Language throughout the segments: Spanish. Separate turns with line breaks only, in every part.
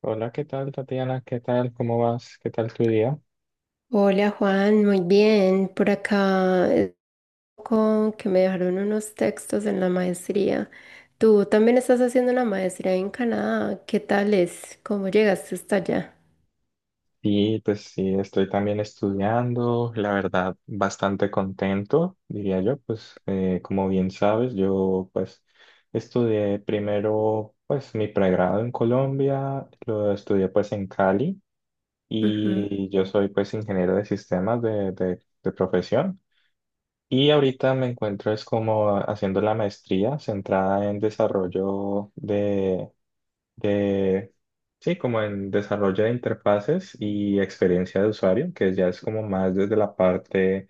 Hola, ¿qué tal, Tatiana? ¿Qué tal? ¿Cómo vas? ¿Qué tal tu día?
Hola Juan, muy bien. Por acá es un que me dejaron unos textos en la maestría. Tú también estás haciendo la maestría en Canadá. ¿Qué tal es? ¿Cómo llegaste hasta allá?
Y pues sí, estoy también estudiando, la verdad, bastante contento, diría yo, pues como bien sabes, yo pues estudié primero pues mi pregrado en Colombia, lo estudié pues en Cali
Ujú,
y yo soy pues ingeniero de sistemas de profesión. Y ahorita me encuentro es como haciendo la maestría centrada en de, sí, como en desarrollo de interfaces y experiencia de usuario, que ya es como más desde la parte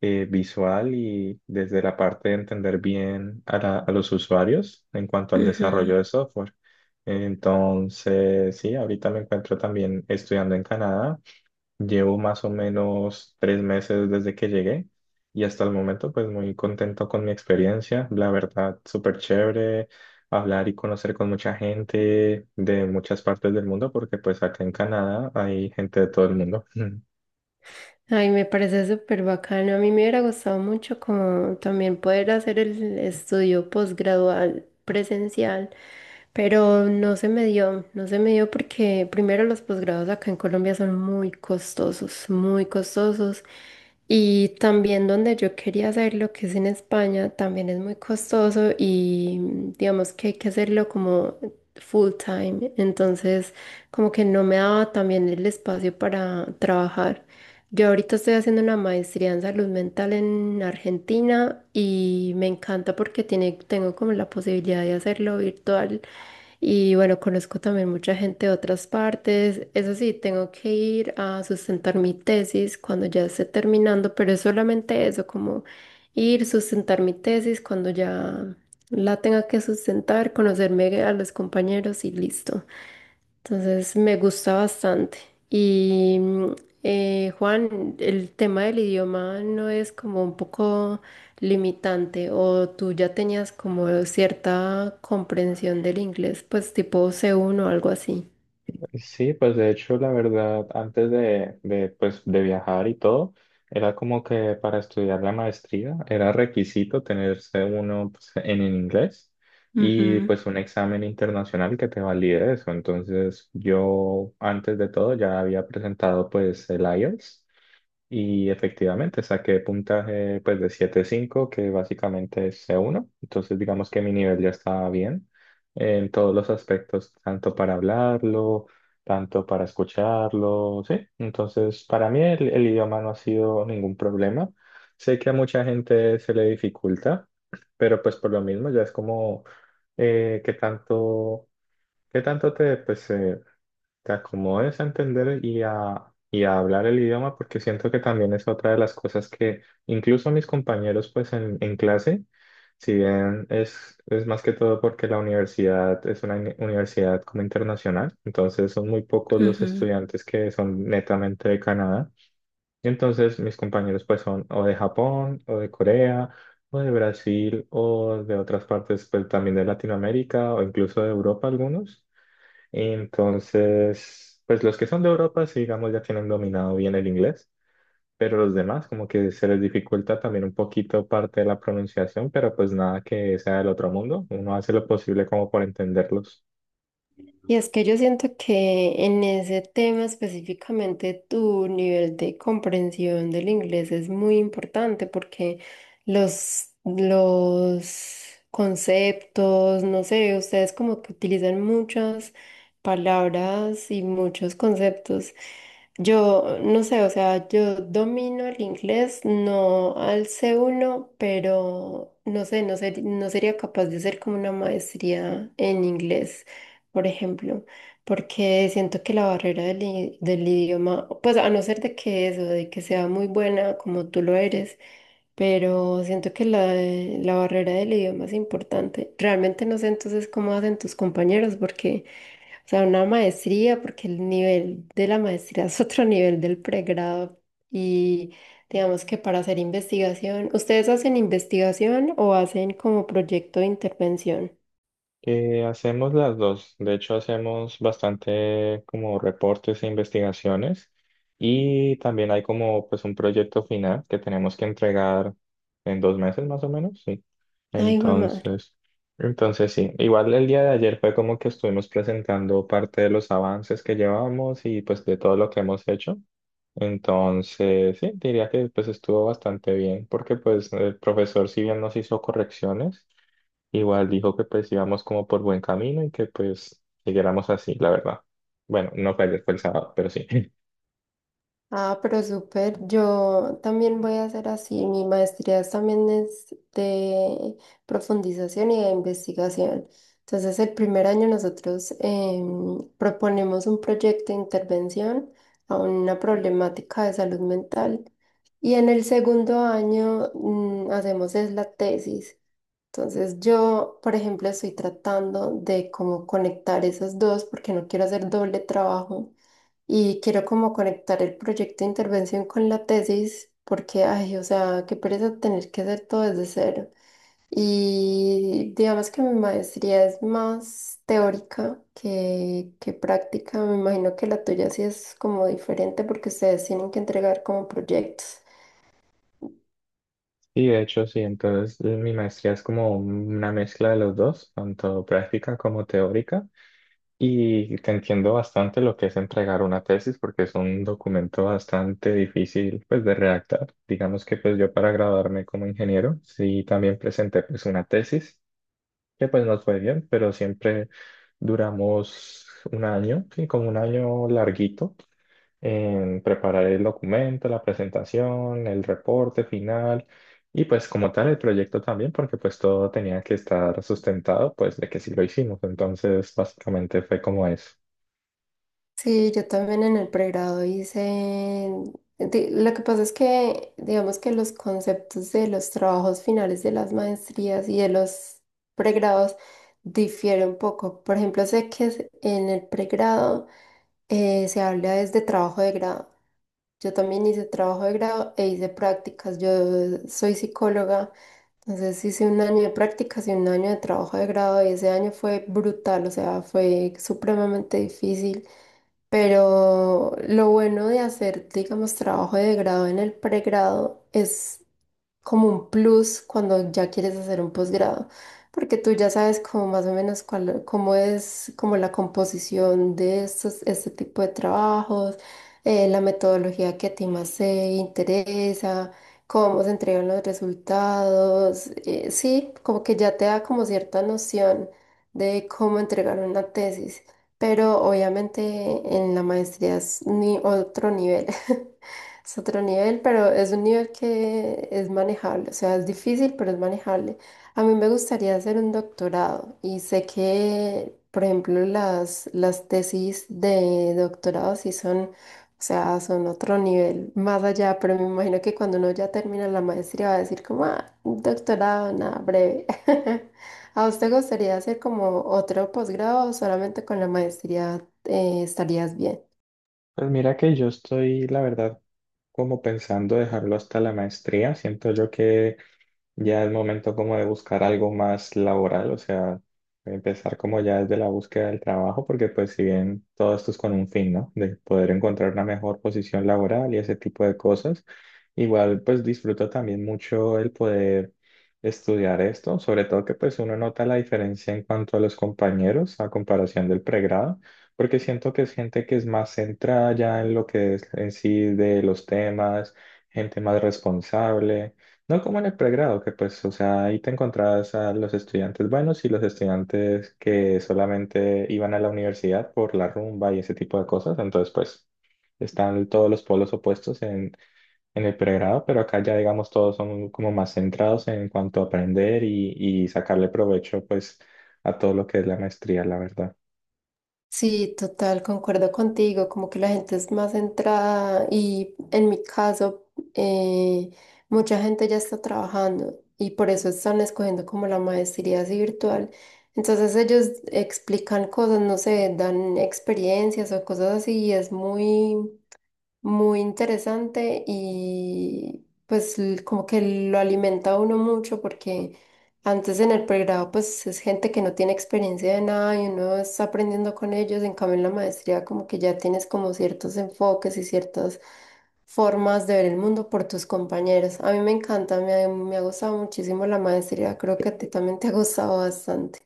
visual y desde la parte de entender bien a los usuarios en cuanto al
ujú.
desarrollo de software. Entonces, sí, ahorita me encuentro también estudiando en Canadá. Llevo más o menos tres meses desde que llegué y hasta el momento pues muy contento con mi experiencia. La verdad, súper chévere hablar y conocer con mucha gente de muchas partes del mundo porque pues acá en Canadá hay gente de todo el mundo.
Ay, me parece súper bacano. A mí me hubiera gustado mucho como también poder hacer el estudio posgradual presencial, pero no se me dio, no se me dio porque primero los posgrados acá en Colombia son muy costosos, muy costosos. Y también donde yo quería hacerlo, que es en España, también es muy costoso y digamos que hay que hacerlo como full time. Entonces, como que no me daba también el espacio para trabajar. Yo ahorita estoy haciendo una maestría en salud mental en Argentina y me encanta porque tengo como la posibilidad de hacerlo virtual y bueno, conozco también mucha gente de otras partes. Eso sí, tengo que ir a sustentar mi tesis cuando ya esté terminando, pero es solamente eso, como ir, sustentar mi tesis cuando ya la tenga que sustentar, conocerme a los compañeros y listo. Entonces me gusta bastante. Y Juan, el tema del idioma no es como un poco limitante o tú ya tenías como cierta comprensión del inglés, pues tipo C1 o algo así.
Sí, pues de hecho, la verdad, antes pues, de viajar y todo, era como que para estudiar la maestría era requisito tenerse uno pues, en inglés y
Ujú,
pues un examen internacional que te valide eso. Entonces, yo antes de todo ya había presentado pues el IELTS y efectivamente saqué puntaje pues de 7.5, que básicamente es C1. Entonces digamos que mi nivel ya estaba bien en todos los aspectos, tanto para hablarlo, tanto para escucharlo, sí. Entonces para mí el idioma no ha sido ningún problema. Sé que a mucha gente se le dificulta, pero pues por lo mismo ya es como eh, qué tanto, qué tanto te te acomodes a entender y a hablar el idioma, porque siento que también es otra de las cosas que incluso mis compañeros pues en clase, si bien es más que todo porque la universidad es una universidad como internacional, entonces son muy pocos los
ujú.
estudiantes que son netamente de Canadá. Y entonces mis compañeros pues son o de Japón o de Corea o de Brasil o de otras partes, pues también de Latinoamérica, o incluso de Europa algunos. Entonces, pues los que son de Europa, sí, digamos, ya tienen dominado bien el inglés, pero los demás como que se les dificulta también un poquito parte de la pronunciación, pero pues nada que sea del otro mundo, uno hace lo posible como por entenderlos.
Y es que yo siento que en ese tema específicamente tu nivel de comprensión del inglés es muy importante porque los conceptos, no sé, ustedes como que utilizan muchas palabras y muchos conceptos. Yo no sé, o sea, yo domino el inglés, no al C1 pero no sé, no sería capaz de hacer como una maestría en inglés por ejemplo, porque siento que la barrera del idioma, pues a no ser de que eso, de que sea muy buena como tú lo eres, pero siento que la barrera del idioma es importante. Realmente no sé entonces cómo hacen tus compañeros, porque, o sea, una maestría, porque el nivel de la maestría es otro nivel del pregrado y digamos que para hacer investigación, ¿ustedes hacen investigación o hacen como proyecto de intervención?
Hacemos las dos. De hecho, hacemos bastante como reportes e investigaciones y también hay como pues un proyecto final que tenemos que entregar en dos meses más o menos, sí.
Ay, hijo de madre.
Entonces, entonces sí. Igual el día de ayer fue como que estuvimos presentando parte de los avances que llevamos y pues de todo lo que hemos hecho. Entonces, sí, diría que pues estuvo bastante bien, porque pues el profesor, si bien nos hizo correcciones, igual dijo que pues íbamos como por buen camino y que pues siguiéramos así, la verdad. Bueno, no fue ayer, fue el sábado, pero sí.
Ah, pero súper. Yo también voy a hacer así. Mi maestría es- también es de profundización y de investigación. Entonces, el primer año nosotros proponemos un proyecto de intervención a una problemática de salud mental. Y en el segundo año hacemos es la tesis. Entonces yo, por ejemplo, estoy tratando de cómo conectar esas dos porque no quiero hacer doble trabajo y quiero como conectar el proyecto de intervención con la tesis porque, ay, o sea, qué pereza tener que hacer todo desde cero. Y digamos que mi maestría es más teórica que práctica. Me imagino que la tuya sí es como diferente porque ustedes tienen que entregar como proyectos.
Y de hecho, sí, entonces mi maestría es como una mezcla de los dos, tanto práctica como teórica. Y te entiendo bastante lo que es entregar una tesis porque es un documento bastante difícil pues de redactar. Digamos que pues yo para graduarme como ingeniero sí también presenté pues una tesis que pues nos fue bien, pero siempre duramos un año, sí, como un año larguito en preparar el documento, la presentación, el reporte final y pues como tal el proyecto también porque pues todo tenía que estar sustentado pues de que sí lo hicimos. Entonces básicamente fue como eso.
Sí, yo también en el pregrado hice. Lo que pasa es que, digamos que los conceptos de los trabajos finales de las maestrías y de los pregrados difieren un poco. Por ejemplo, sé que en el pregrado se habla desde trabajo de grado. Yo también hice trabajo de grado e hice prácticas. Yo soy psicóloga, entonces hice un año de prácticas y un año de trabajo de grado y ese año fue brutal, o sea, fue supremamente difícil. Pero lo bueno de hacer, digamos, trabajo de grado en el pregrado es como un plus cuando ya quieres hacer un posgrado, porque tú ya sabes como más o menos cuál, cómo es como la composición de estos, este tipo de trabajos, la metodología que a ti más te interesa, cómo se entregan los resultados, sí, como que ya te da como cierta noción de cómo entregar una tesis. Pero obviamente en la maestría es ni otro nivel. Es otro nivel, pero es un nivel que es manejable, o sea, es difícil, pero es manejable. A mí me gustaría hacer un doctorado y sé que, por ejemplo, las tesis de doctorado sí son, o sea, son otro nivel más allá, pero me imagino que cuando uno ya termina la maestría va a decir como, ah, un doctorado, nada, breve. ¿A usted gustaría hacer como otro posgrado o solamente con la maestría estarías bien?
Pues mira que yo estoy, la verdad, como pensando dejarlo hasta la maestría. Siento yo que ya es momento como de buscar algo más laboral, o sea, empezar como ya desde la búsqueda del trabajo, porque pues si bien todo esto es con un fin, ¿no? De poder encontrar una mejor posición laboral y ese tipo de cosas, igual pues disfruto también mucho el poder estudiar esto, sobre todo que pues uno nota la diferencia en cuanto a los compañeros a comparación del pregrado, porque siento que es gente que es más centrada ya en lo que es en sí de los temas, gente más responsable, no como en el pregrado, que pues, o sea, ahí te encontrabas a los estudiantes buenos y los estudiantes que solamente iban a la universidad por la rumba y ese tipo de cosas. Entonces, pues, están todos los polos opuestos en el pregrado, pero acá ya, digamos, todos son como más centrados en cuanto a aprender y sacarle provecho, pues, a todo lo que es la maestría, la verdad.
Sí, total, concuerdo contigo, como que la gente es más centrada y en mi caso eh, mucha gente ya está trabajando y por eso están escogiendo como la maestría así virtual. Entonces ellos explican cosas, no sé, dan experiencias o cosas así y es muy muy interesante y pues como que lo alimenta a uno mucho porque antes en el pregrado pues es gente que no tiene experiencia de nada y uno está aprendiendo con ellos, en cambio en la maestría como que ya tienes como ciertos enfoques y ciertas formas de ver el mundo por tus compañeros. A mí me encanta, me ha gustado muchísimo la maestría, creo que a ti también te ha gustado bastante.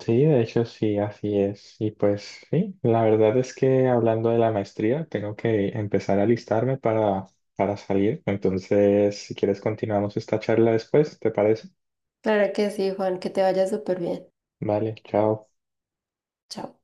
Sí, de hecho sí, así es. Y pues sí, la verdad es que hablando de la maestría, tengo que empezar a alistarme para salir. Entonces, si quieres, continuamos esta charla después, ¿te parece?
Claro que sí, Juan, que te vaya súper bien.
Vale, chao.
Chao.